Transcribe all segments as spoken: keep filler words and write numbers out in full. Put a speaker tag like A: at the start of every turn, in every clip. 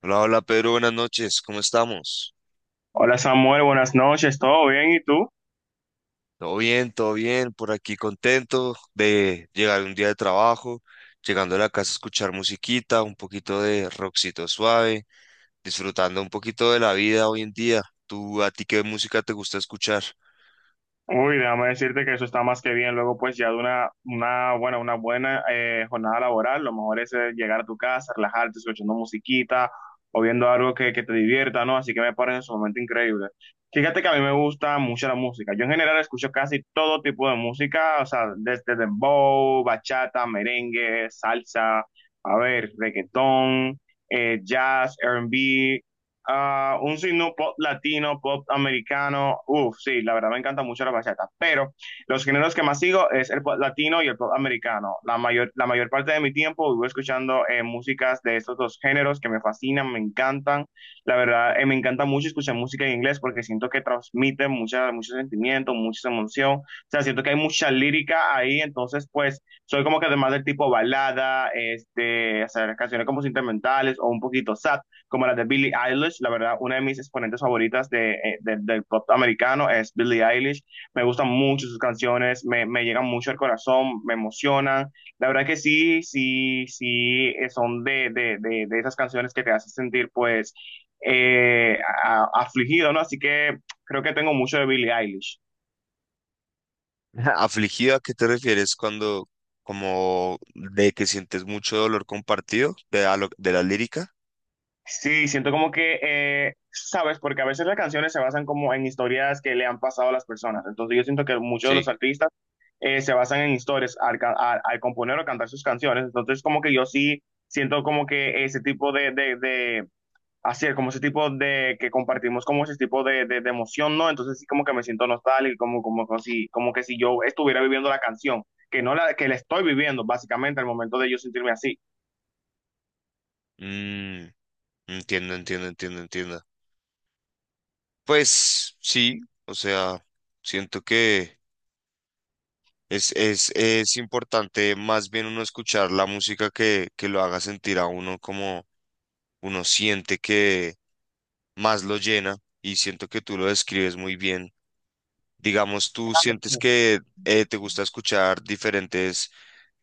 A: Hola, hola Pedro, buenas noches, ¿cómo estamos?
B: Hola Samuel, buenas noches, ¿todo bien? ¿Y tú?
A: Todo bien, todo bien, por aquí contento de llegar un día de trabajo, llegando a la casa a escuchar musiquita, un poquito de rockcito suave, disfrutando un poquito de la vida hoy en día. ¿Tú a ti qué música te gusta escuchar?
B: Uy, déjame decirte que eso está más que bien. Luego, pues ya de una, una buena, una buena eh, jornada laboral, lo mejor es eh, llegar a tu casa, relajarte, escuchando musiquita o viendo algo que, que te divierta, ¿no? Así que me parece sumamente increíble. Fíjate que a mí me gusta mucho la música. Yo en general escucho casi todo tipo de música, o sea, desde dembow, bachata, merengue, salsa, a ver, reggaetón, eh, jazz, R and B. Ah, un signo pop latino, pop americano. Uf, sí, la verdad me encanta mucho la bachata. Pero los géneros que más sigo es el pop latino y el pop americano. La mayor, la mayor parte de mi tiempo vivo escuchando eh, músicas de estos dos géneros que me fascinan, me encantan. La verdad, eh, me encanta mucho escuchar música en inglés porque siento que transmite mucha, mucho sentimiento, mucha emoción. O sea, siento que hay mucha lírica ahí. Entonces, pues, soy como que además del tipo balada, este, hacer canciones como sentimentales o un poquito sad como las de Billie Eilish. La verdad, una de mis exponentes favoritas de, eh, de- del pop americano es Billie Eilish. Me gustan mucho sus canciones, me, me llegan mucho al corazón, me emocionan. La verdad que sí, sí, sí, eh, son de, de, de, de esas canciones que te hacen sentir pues eh, a- afligido, ¿no? Así que creo que tengo mucho de Billie Eilish.
A: ¿Afligida? ¿A qué te refieres cuando como de que sientes mucho dolor compartido de, a lo- de la lírica?
B: Sí, siento como que, eh, sabes, porque a veces las canciones se basan como en historias que le han pasado a las personas. Entonces yo siento que muchos de los
A: Sí.
B: artistas eh, se basan en historias al, ca- al- al componer o cantar sus canciones. Entonces como que yo sí siento como que ese tipo de, de, de hacer, como ese tipo de, que compartimos como ese tipo de, de, de emoción, ¿no? Entonces sí como que me siento nostálgico, como, como, como si, como que si yo estuviera viviendo la canción, que no la, que la estoy viviendo básicamente al momento de yo sentirme así.
A: Mm, entiendo, entiendo, entiendo, entiendo. Pues sí, o sea, siento que es, es, es importante más bien uno escuchar la música que, que lo haga sentir a uno como uno siente que más lo llena, y siento que tú lo describes muy bien. Digamos, tú sientes que eh, te gusta escuchar diferentes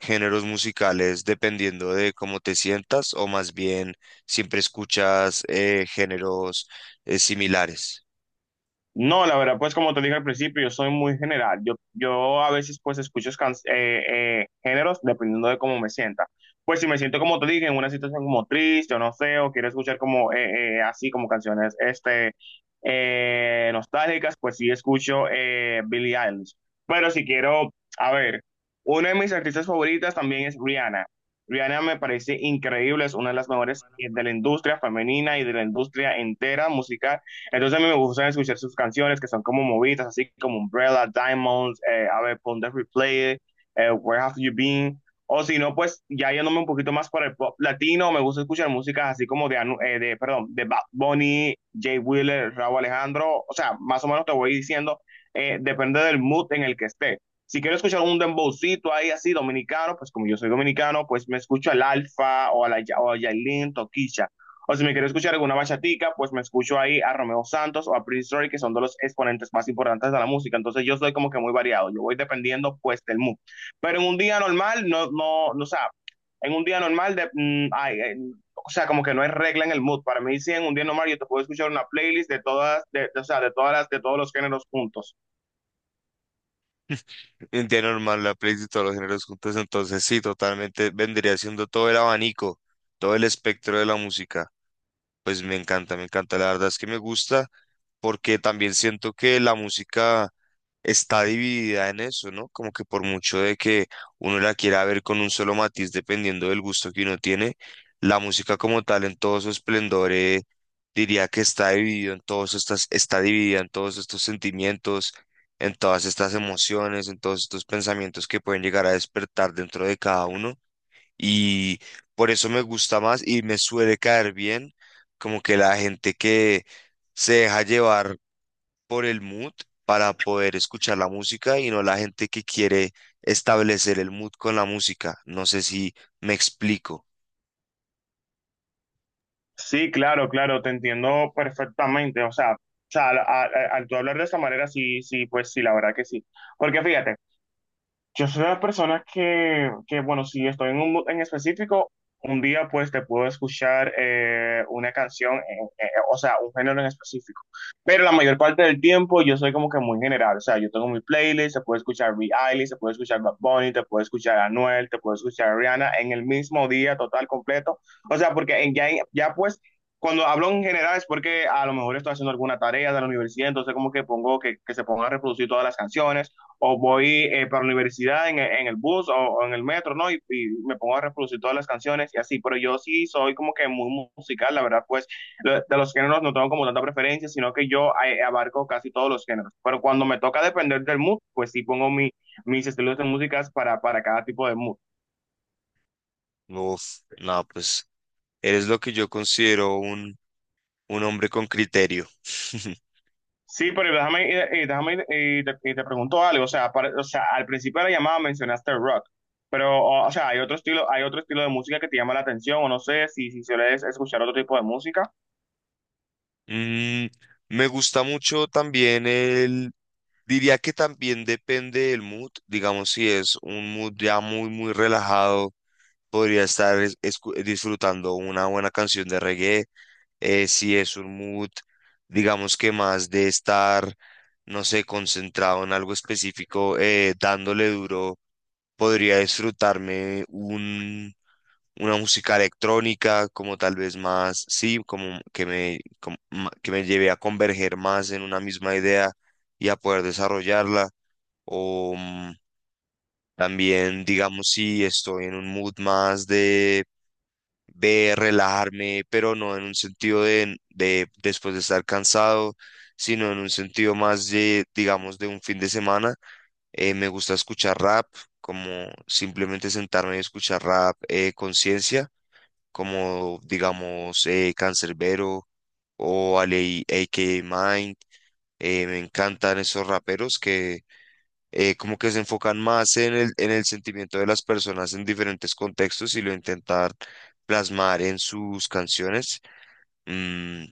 A: géneros musicales dependiendo de cómo te sientas, o más bien siempre escuchas eh, géneros eh, similares.
B: No, la verdad, pues como te dije al principio, yo soy muy general. Yo, yo a veces pues escucho can- eh, eh, géneros dependiendo de cómo me sienta. Pues si me siento como te dije, en una situación como triste o no sé, o quiero escuchar como eh, eh, así como canciones este, eh, nostálgicas, pues sí escucho eh, Billie Eilish. Pero si quiero, a ver, una de mis artistas favoritas también es Rihanna. Rihanna me parece increíble, es una de las mejores eh, de la industria femenina y de la industria entera musical. Entonces a mí me gusta escuchar sus canciones que son como movidas, así como Umbrella, Diamonds, eh, a ver, Pon Replay, eh, Where Have You Been? O si no, pues ya yéndome un poquito más para el pop latino, me gusta escuchar músicas así como de, Anu- eh, de perdón, de Bad Bunny, Jay Wheeler, Raúl Alejandro, o sea, más o menos te voy diciendo, eh, depende del mood en el que esté. Si quiero escuchar un dembowcito ahí así dominicano, pues como yo soy dominicano, pues me escucho al Alfa o a la Ya- o a Yailin, Toquicha. O si me quiero escuchar alguna bachatica, pues me escucho ahí a Romeo Santos o a Prince Roy, que son de los exponentes más importantes de la música. Entonces yo soy como que muy variado, yo voy dependiendo pues del mood. Pero en un día normal, no, no, no, o sea, en un día normal, de, mm, ay, eh, o sea, como que no hay regla en el mood. Para mí, sí, en un día normal yo te puedo escuchar una playlist de todas, de, de- o sea, de todas las, de todos los géneros juntos.
A: India normal, la playlist de todos los géneros juntos, entonces sí, totalmente vendría siendo todo el abanico, todo el espectro de la música. Pues me encanta, me encanta, la verdad es que me gusta porque también siento que la música está dividida en eso, ¿no? Como que por mucho de que uno la quiera ver con un solo matiz, dependiendo del gusto que uno tiene, la música como tal en todo su esplendor, eh, diría que está dividido en todos estas, está dividida en todos estos sentimientos, en todas estas emociones, en todos estos pensamientos que pueden llegar a despertar dentro de cada uno. Y por eso me gusta más y me suele caer bien, como que la gente que se deja llevar por el mood para poder escuchar la música, y no la gente que quiere establecer el mood con la música. No sé si me explico.
B: Sí, claro, claro, te entiendo perfectamente. O sea, o sea, al, al- al tú hablar de esa manera, sí, sí, pues sí, la verdad que sí. Porque fíjate, yo soy una persona que, que, bueno, si estoy en un mood en específico, un día pues te puedo escuchar eh, una canción, en- eh, o sea, un género en específico. Pero la mayor parte del tiempo yo soy como que muy general, o sea, yo tengo mi playlist, se puede escuchar Billie Eilish, se puede escuchar Bad Bunny, te puede escuchar Anuel, te puede escuchar Rihanna en el mismo día total, completo. O sea, porque en, ya, ya pues... Cuando hablo en general es porque a lo mejor estoy haciendo alguna tarea de la universidad, entonces como que pongo que, que se ponga a reproducir todas las canciones o voy eh, para la universidad en, en el bus o, o, en el metro, ¿no? Y, y, me pongo a reproducir todas las canciones y así, pero yo sí soy como que muy musical, la verdad, pues lo- de los géneros no tengo como tanta preferencia, sino que yo eh, abarco casi todos los géneros, pero cuando me toca depender del mood, pues sí pongo mi, mis estilos de músicas para, para cada tipo de mood.
A: Uf, no, pues eres lo que yo considero un, un hombre con criterio.
B: Sí, pero déjame, eh, eh, déjame eh, te, eh, te pregunto algo. O sea, para- o sea, al principio de la llamada mencionaste el rock, pero o, o sea, hay otro estilo, hay otro estilo de música que te llama la atención, o no sé si, si sueles escuchar otro tipo de música.
A: Mm, me gusta mucho también el... Diría que también depende del mood. Digamos, si es un mood ya muy, muy relajado, podría estar es- escu- disfrutando una buena canción de reggae. Eh, si es un mood, digamos, que más de estar, no sé, concentrado en algo específico, eh, dándole duro, podría disfrutarme un, una música electrónica, como tal vez más, sí, como que me, como ma- que me lleve a converger más en una misma idea y a poder desarrollarla, o mm, también, digamos, si estoy en un mood más de de relajarme, pero no en un sentido de, de después de estar cansado, sino en un sentido más de, digamos, de un fin de semana. Eh, me gusta escuchar rap, como simplemente sentarme y escuchar rap eh, conciencia, como, digamos, eh, Canserbero o Ale- A K Mind. Eh, me encantan esos raperos que eh, como que se enfocan más en el, en el sentimiento de las personas en diferentes contextos y lo intentar plasmar en sus canciones. Mm,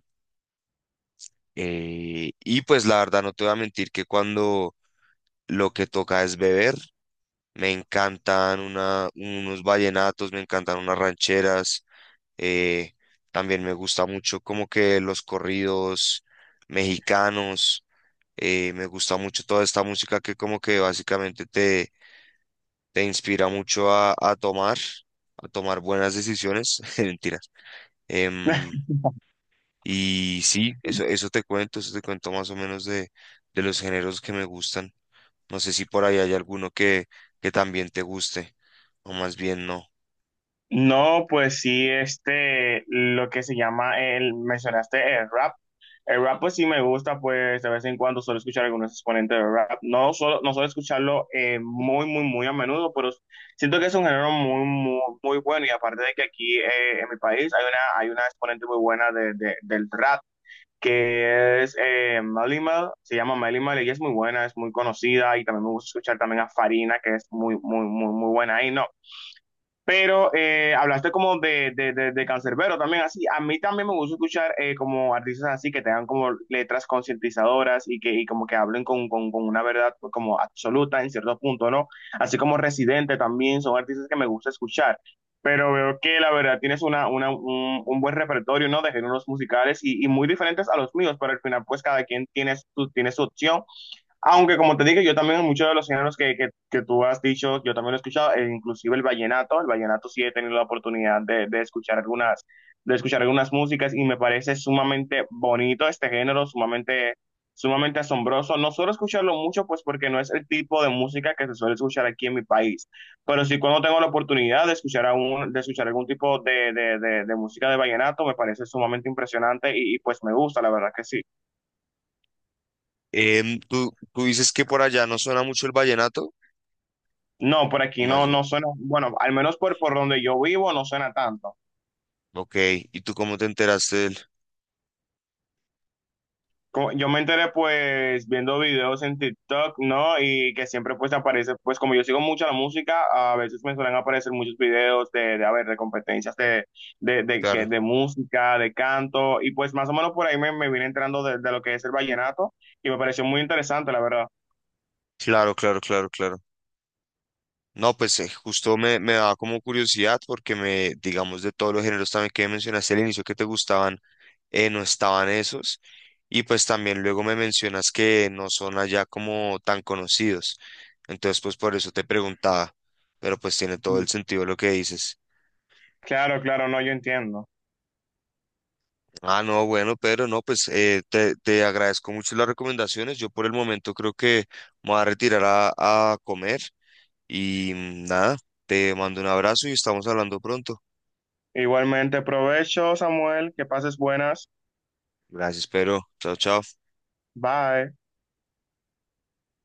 A: eh, y pues la verdad no te voy a mentir que cuando lo que toca es beber, me encantan una, unos vallenatos, me encantan unas rancheras, eh, también me gusta mucho como que los corridos mexicanos. Eh, me gusta mucho toda esta música que como que básicamente te, te inspira mucho a, a tomar, a tomar buenas decisiones. Mentiras. Em, y sí, eso, eso te cuento, eso te cuento más o menos de, de los géneros que me gustan. No sé si por ahí hay alguno que, que también te guste, o más bien no.
B: No, pues sí, este, lo que se llama el, mencionaste el rap. El rap, pues sí me gusta, pues de vez en cuando suelo escuchar algunos exponentes de rap. No solo, no suelo escucharlo eh, muy, muy, muy a menudo, pero siento que es un género muy, muy, muy bueno. Y aparte de que aquí eh, en mi país hay una, hay una exponente muy buena de, de- del rap, que es eh, Malimal, se llama Malimal, y ella es muy buena, es muy conocida. Y también me gusta escuchar también a Farina, que es muy, muy, muy, muy buena ahí, ¿no? Pero eh, hablaste como de, de, de, de cancerbero también, así. A mí también me gusta escuchar eh, como artistas así que tengan como letras concientizadoras y que y como que hablen con, con, con una verdad pues, como absoluta en cierto punto, ¿no? Así como Residente también son artistas que me gusta escuchar. Pero veo que la verdad tienes una, una, un, un buen repertorio, ¿no? De géneros musicales y, y muy diferentes a los míos, pero al final pues cada quien tiene su, tiene su opción aunque como te dije, yo también muchos de los géneros que, que, que tú has dicho, yo también lo he escuchado, e inclusive el vallenato, el vallenato sí he tenido la oportunidad de, de escuchar algunas, de escuchar algunas músicas y me parece sumamente bonito este género, sumamente, sumamente asombroso. No suelo escucharlo mucho, pues porque no es el tipo de música que se suele escuchar aquí en mi país, pero sí cuando tengo la oportunidad de escuchar, a un- de escuchar algún tipo de, de, de, de música de vallenato, me parece sumamente impresionante y, y pues me gusta, la verdad que sí.
A: Em, ¿tú, tú dices que por allá no suena mucho el vallenato?
B: No, por
A: O
B: aquí no,
A: más bien,
B: no suena, bueno, al menos por, por donde yo vivo no suena tanto.
A: ok, ¿y tú cómo te enteraste del?
B: Co- Yo me enteré pues viendo videos en TikTok, ¿no? Y que siempre pues aparece, pues como yo sigo mucho la música, a veces me suelen aparecer muchos videos de, de a ver, de competencias de, de, de,
A: Claro,
B: que- de música, de canto, y pues más o menos por ahí me, me vine entrando de, de lo que es el vallenato y me pareció muy interesante, la verdad.
A: claro, claro, claro, claro. No, pues eh, justo me, me daba como curiosidad porque me, digamos, de todos los géneros también que mencionaste al inicio que te gustaban, eh, no estaban esos. Y pues también luego me mencionas que no son allá como tan conocidos. Entonces, pues por eso te preguntaba. Pero pues tiene todo el sentido lo que dices.
B: Claro, claro, no, yo entiendo.
A: Ah, no, bueno, Pedro, no, pues eh, te, te agradezco mucho las recomendaciones. Yo por el momento creo que me voy a retirar a, a comer. Y mm, nada, te mando un abrazo y estamos hablando pronto.
B: Igualmente, provecho, Samuel, que pases buenas.
A: Gracias, Pedro. Chao, chao.
B: Bye.